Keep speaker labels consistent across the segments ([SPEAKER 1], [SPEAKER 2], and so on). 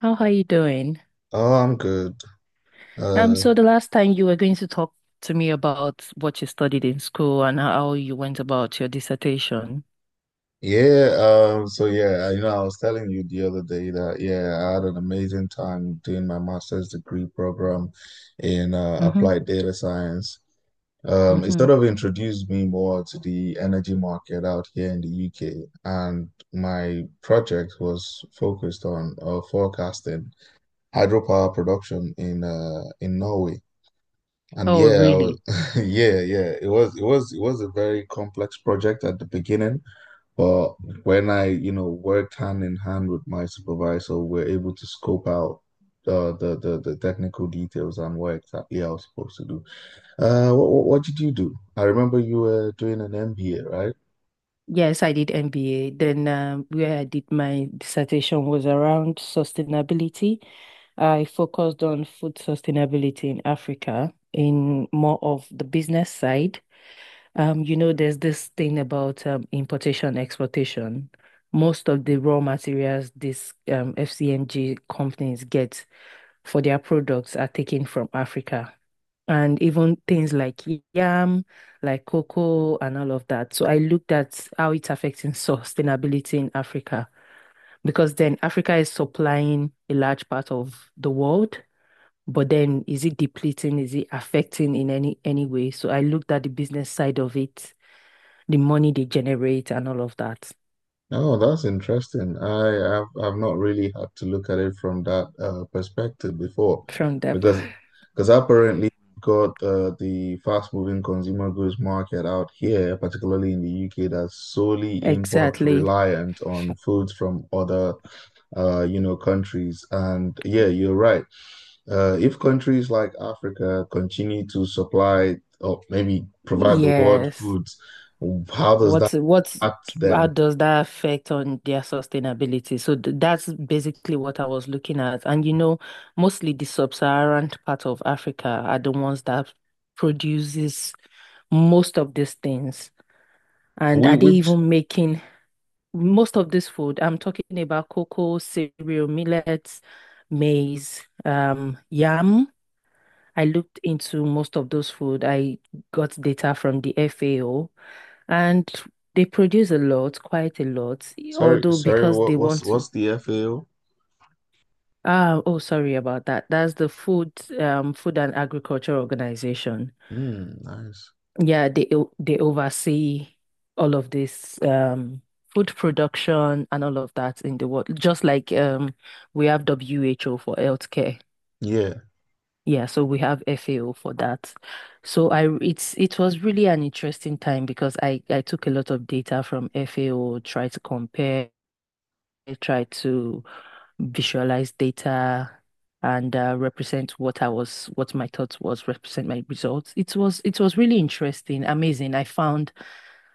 [SPEAKER 1] How are you doing?
[SPEAKER 2] Oh, I'm good.
[SPEAKER 1] Um,
[SPEAKER 2] Uh,
[SPEAKER 1] so the last time you were going to talk to me about what you studied in school and how you went about your dissertation.
[SPEAKER 2] yeah, I was telling you the other day that yeah, I had an amazing time doing my master's degree program in
[SPEAKER 1] Mm-hmm.
[SPEAKER 2] applied data science. It
[SPEAKER 1] Mm-hmm.
[SPEAKER 2] sort of introduced me more to the energy market out here in the UK, and my project was focused on forecasting hydropower production in Norway. And
[SPEAKER 1] Oh,
[SPEAKER 2] yeah, I
[SPEAKER 1] really?
[SPEAKER 2] was, yeah, it was a very complex project at the beginning. But when I, you know, worked hand in hand with my supervisor, we're able to scope out the the technical details and what exactly I was supposed to do. What did you do? I remember you were doing an MBA, right?
[SPEAKER 1] Yes, I did MBA. Then where I did my dissertation was around sustainability. I focused on food sustainability in Africa in more of the business side. There's this thing about importation, exportation. Most of the raw materials these FCMG companies get for their products are taken from Africa. And even things like yam, like cocoa, and all of that. So I looked at how it's affecting sustainability in Africa because then Africa is supplying a large part of the world, but then is it depleting? Is it affecting in any way? So I looked at the business side of it, the money they generate and all of that
[SPEAKER 2] Oh, that's interesting. I've not really had to look at it from that perspective before,
[SPEAKER 1] from them.
[SPEAKER 2] because because apparently we've got the fast-moving consumer goods market out here, particularly in the UK, that's solely import
[SPEAKER 1] Exactly.
[SPEAKER 2] reliant on foods from other you know countries. And yeah, you're right. If countries like Africa continue to supply or maybe provide the world
[SPEAKER 1] Yes.
[SPEAKER 2] foods, how does that
[SPEAKER 1] What's
[SPEAKER 2] impact
[SPEAKER 1] how
[SPEAKER 2] them?
[SPEAKER 1] does that affect on their sustainability? So th that's basically what I was looking at. And you know, mostly the sub-Saharan part of Africa are the ones that produces most of these things. And
[SPEAKER 2] We,
[SPEAKER 1] are they
[SPEAKER 2] which
[SPEAKER 1] even making most of this food? I'm talking about cocoa, cereal, millets, maize, yam. I looked into most of those food. I got data from the FAO, and they produce a lot, quite a lot,
[SPEAKER 2] Sorry,
[SPEAKER 1] although
[SPEAKER 2] sorry,
[SPEAKER 1] because they want to.
[SPEAKER 2] what's the FAO?
[SPEAKER 1] Ah, oh, sorry about that. That's the Food, Food and Agriculture Organization.
[SPEAKER 2] Mm, nice.
[SPEAKER 1] Yeah, they oversee all of this, food production and all of that in the world. Just like we have WHO for healthcare.
[SPEAKER 2] Yeah.
[SPEAKER 1] Yeah, so we have FAO for that. So I r- it's it was really an interesting time because I took a lot of data from FAO, tried to compare, tried to visualize data and represent what I was what my thoughts was, represent my results. It was really interesting, amazing. I found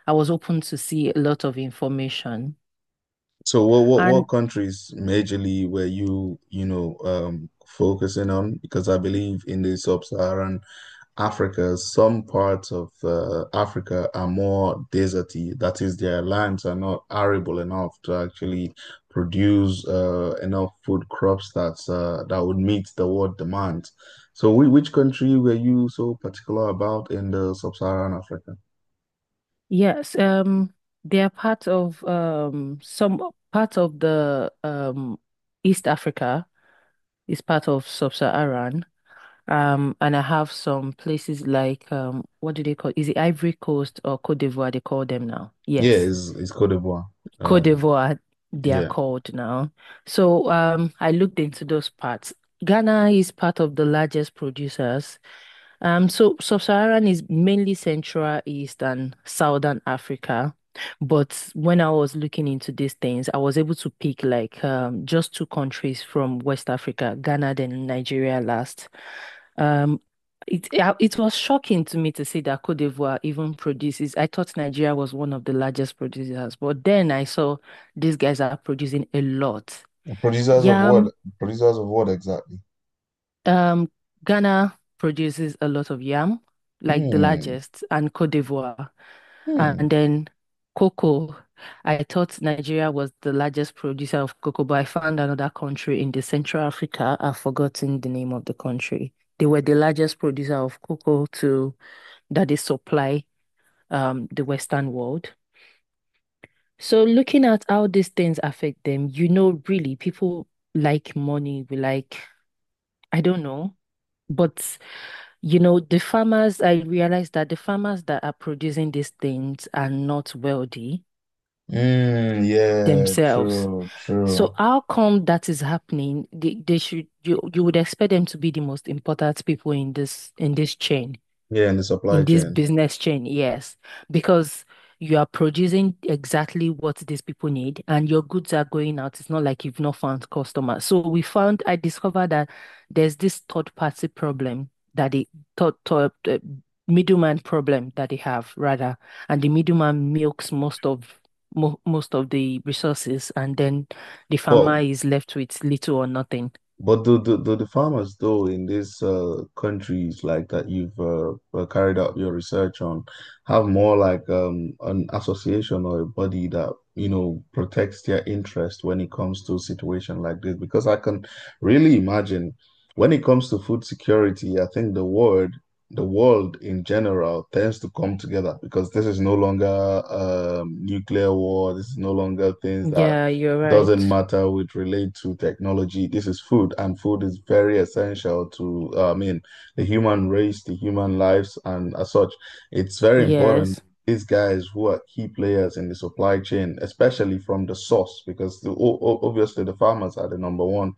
[SPEAKER 1] I was open to see a lot of information.
[SPEAKER 2] So what
[SPEAKER 1] And
[SPEAKER 2] countries majorly were you, you know, focusing on? Because I believe in the sub-Saharan Africa, some parts of Africa are more deserty. That is, their lands are not arable enough to actually produce enough food crops that would meet the world demand. So which country were you so particular about in the sub-Saharan Africa?
[SPEAKER 1] yes, they are part of some part of the East Africa is part of Sub-Saharan. And I have some places like what do they call? Is it Ivory Coast or Côte d'Ivoire? They call them now.
[SPEAKER 2] Yeah,
[SPEAKER 1] Yes,
[SPEAKER 2] it's Côte d'Ivoire. Uh,
[SPEAKER 1] Côte d'Ivoire. They are
[SPEAKER 2] yeah.
[SPEAKER 1] called now. So I looked into those parts. Ghana is part of the largest producers. So Sub-Saharan is mainly Central, East, and Southern Africa. But when I was looking into these things, I was able to pick like just two countries from West Africa, Ghana, then Nigeria last. Um, it was shocking to me to see that Côte d'Ivoire even produces. I thought Nigeria was one of the largest producers, but then I saw these guys are producing a lot.
[SPEAKER 2] Producers of what?
[SPEAKER 1] Yam,
[SPEAKER 2] Producers of what exactly?
[SPEAKER 1] um, Ghana produces a lot of yam, like the
[SPEAKER 2] Hmm.
[SPEAKER 1] largest, and Côte d'Ivoire, and
[SPEAKER 2] Hmm.
[SPEAKER 1] then cocoa. I thought Nigeria was the largest producer of cocoa, but I found another country in the Central Africa. I've forgotten the name of the country. They were the largest producer of cocoa to that they supply the Western world. So looking at how these things affect them, you know, really people like money, we like, I don't know. But you know, the farmers, I realize that the farmers that are producing these things are not wealthy
[SPEAKER 2] Mm, yeah,
[SPEAKER 1] themselves.
[SPEAKER 2] true, true.
[SPEAKER 1] So how come that is happening? They should, you would expect them to be the most important people in this chain.
[SPEAKER 2] Yeah, in the supply
[SPEAKER 1] In this
[SPEAKER 2] chain.
[SPEAKER 1] business chain, yes, because you are producing exactly what these people need and your goods are going out. It's not like you've not found customers. So we found, I discovered that there's this third party problem that the third, third, uh, middleman problem that they have rather, and the middleman milks most of the resources, and then the
[SPEAKER 2] But
[SPEAKER 1] farmer is left with little or nothing.
[SPEAKER 2] But do the farmers though in these countries like that you've carried out your research on have more like an association or a body that you know protects their interest when it comes to a situation like this? Because I can really imagine when it comes to food security, I think the world in general tends to come together because this is no longer nuclear war. This is no longer things that
[SPEAKER 1] Yeah, you're
[SPEAKER 2] doesn't
[SPEAKER 1] right.
[SPEAKER 2] matter which relate to technology. This is food, and food is very essential to, I mean, the human race, the human lives, and as such, it's very important.
[SPEAKER 1] Yes,
[SPEAKER 2] These guys who are key players in the supply chain, especially from the source, because obviously the farmers are the number one,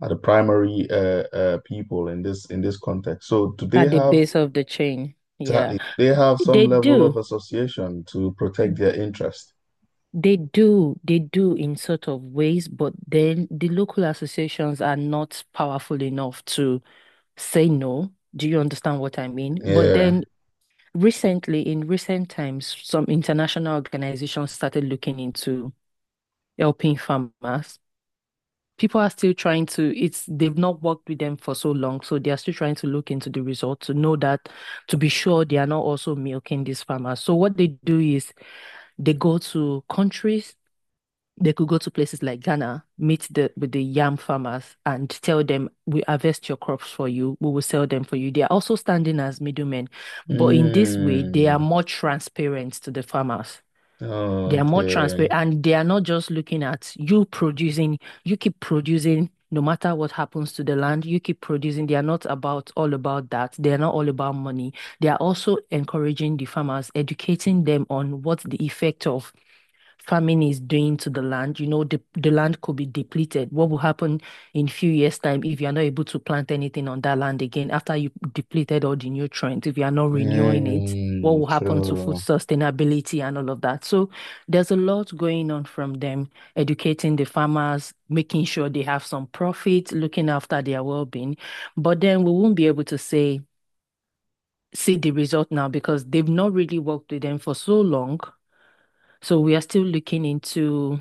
[SPEAKER 2] are the primary people in this context. So do they
[SPEAKER 1] at the
[SPEAKER 2] have
[SPEAKER 1] base of the chain.
[SPEAKER 2] exactly?
[SPEAKER 1] Yeah.
[SPEAKER 2] do They have some
[SPEAKER 1] They
[SPEAKER 2] level of
[SPEAKER 1] do,
[SPEAKER 2] association to protect their interest.
[SPEAKER 1] they do in sort of ways, but then the local associations are not powerful enough to say no. Do you understand what I mean? But
[SPEAKER 2] Yeah.
[SPEAKER 1] then recently, in recent times, some international organizations started looking into helping farmers. People are still trying to, it's they've not worked with them for so long, so they are still trying to look into the results to know that, to be sure they are not also milking these farmers. So what they do is they go to countries. They could go to places like Ghana, meet the with the yam farmers and tell them, we harvest your crops for you, we will sell them for you. They are also standing as middlemen, but in this way, they are
[SPEAKER 2] Hmm.
[SPEAKER 1] more transparent to the farmers.
[SPEAKER 2] Oh,
[SPEAKER 1] They are more
[SPEAKER 2] okay.
[SPEAKER 1] transparent and they are not just looking at you producing, you keep producing no matter what happens to the land, you keep producing. They are not about all about that. They are not all about money. They are also encouraging the farmers, educating them on what the effect of farming is doing to the land. You know, the land could be depleted. What will happen in a few years' time if you are not able to plant anything on that land again after you depleted all the nutrients, if you are not renewing it? What
[SPEAKER 2] Mm,
[SPEAKER 1] will happen to food
[SPEAKER 2] true.
[SPEAKER 1] sustainability and all of that? So there's a lot going on from them, educating the farmers, making sure they have some profit, looking after their well-being. But then we won't be able to say, see the result now because they've not really worked with them for so long. So we are still looking into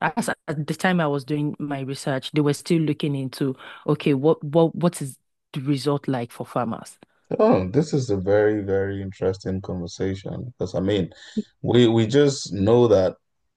[SPEAKER 1] as at the time I was doing my research, they were still looking into, okay, what is the result like for farmers?
[SPEAKER 2] Oh, this is a very, very interesting conversation because I mean, we just know that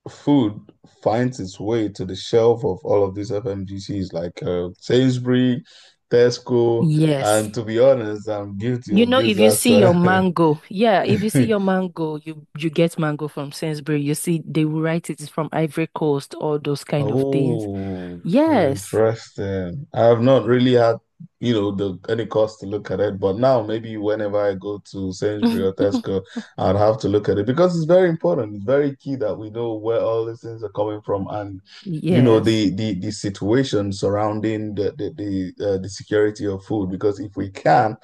[SPEAKER 2] food finds its way to the shelf of all of these FMGCs like Sainsbury, Tesco,
[SPEAKER 1] Yes.
[SPEAKER 2] and to be honest, I'm guilty
[SPEAKER 1] You
[SPEAKER 2] of
[SPEAKER 1] know,
[SPEAKER 2] this
[SPEAKER 1] if you
[SPEAKER 2] as
[SPEAKER 1] see your mango, yeah, if you see your mango, you get mango from Sainsbury. You see, they will write it is from Ivory Coast, all those kind of things.
[SPEAKER 2] Oh,
[SPEAKER 1] Yes.
[SPEAKER 2] interesting. I have not really had, you know, the any cause to look at it, but now maybe whenever I go to Sainsbury or Tesco, I'd have to look at it because it's very important. It's very key that we know where all these things are coming from and, you know,
[SPEAKER 1] Yes.
[SPEAKER 2] the the situation surrounding the the security of food. Because if we can,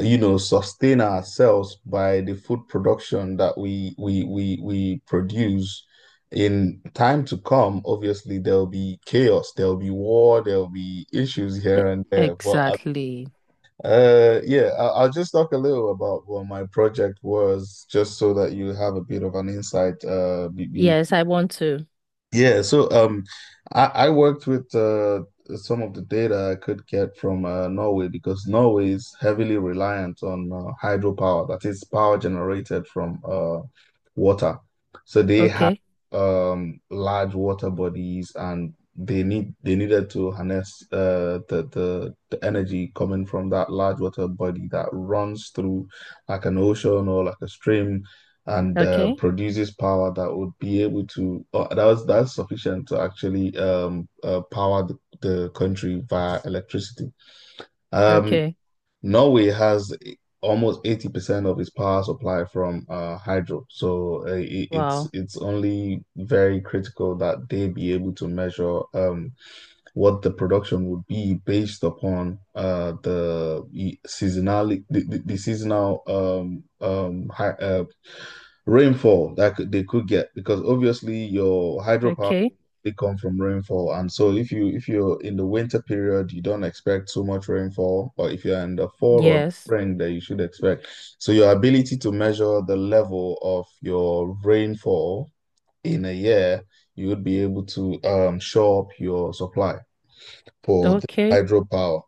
[SPEAKER 2] you know, sustain ourselves by the food production that we produce. In time to come, obviously there'll be chaos, there'll be war, there'll be issues here
[SPEAKER 1] E-
[SPEAKER 2] and there. But uh,
[SPEAKER 1] Exactly.
[SPEAKER 2] uh, yeah, I'll just talk a little about what my project was, just so that you have a bit of an insight
[SPEAKER 1] Yes, I want to.
[SPEAKER 2] yeah, so I worked with some of the data I could get from Norway because Norway is heavily reliant on hydropower, that is power generated from water. So they have
[SPEAKER 1] Okay.
[SPEAKER 2] large water bodies, and they needed to harness the energy coming from that large water body that runs through like an ocean or like a stream and
[SPEAKER 1] Okay.
[SPEAKER 2] produces power that would be able to that's sufficient to actually power the country via electricity. Um,
[SPEAKER 1] Okay.
[SPEAKER 2] Norway has almost 80% of its power supply from hydro, so
[SPEAKER 1] Wow.
[SPEAKER 2] it's only very critical that they be able to measure what the production would be based upon the seasonality the seasonal rainfall they could get because obviously your hydropower
[SPEAKER 1] Okay.
[SPEAKER 2] they come from rainfall, and so if you if you're in the winter period you don't expect so much rainfall, or if you're in the fall or
[SPEAKER 1] Yes.
[SPEAKER 2] spring that you should expect. So your ability to measure the level of your rainfall in a year, you would be able to shore up your supply for the
[SPEAKER 1] Okay.
[SPEAKER 2] hydropower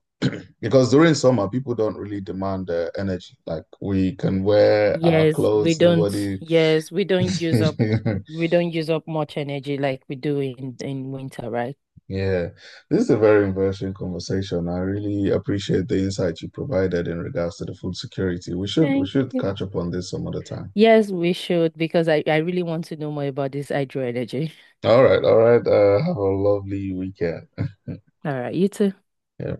[SPEAKER 2] because during summer people don't really demand energy, like we can wear our
[SPEAKER 1] Yes, we
[SPEAKER 2] clothes,
[SPEAKER 1] don't.
[SPEAKER 2] nobody
[SPEAKER 1] Yes, we don't use up we don't use up much energy like we do in winter, right?
[SPEAKER 2] Yeah, this is a very interesting conversation. I really appreciate the insight you provided in regards to the food security. We
[SPEAKER 1] Thank
[SPEAKER 2] should
[SPEAKER 1] you.
[SPEAKER 2] catch up on this some other time.
[SPEAKER 1] Yes, we should because I really want to know more about this hydro energy.
[SPEAKER 2] All right, all right. Have a lovely weekend.
[SPEAKER 1] All right, you too.
[SPEAKER 2] Yeah.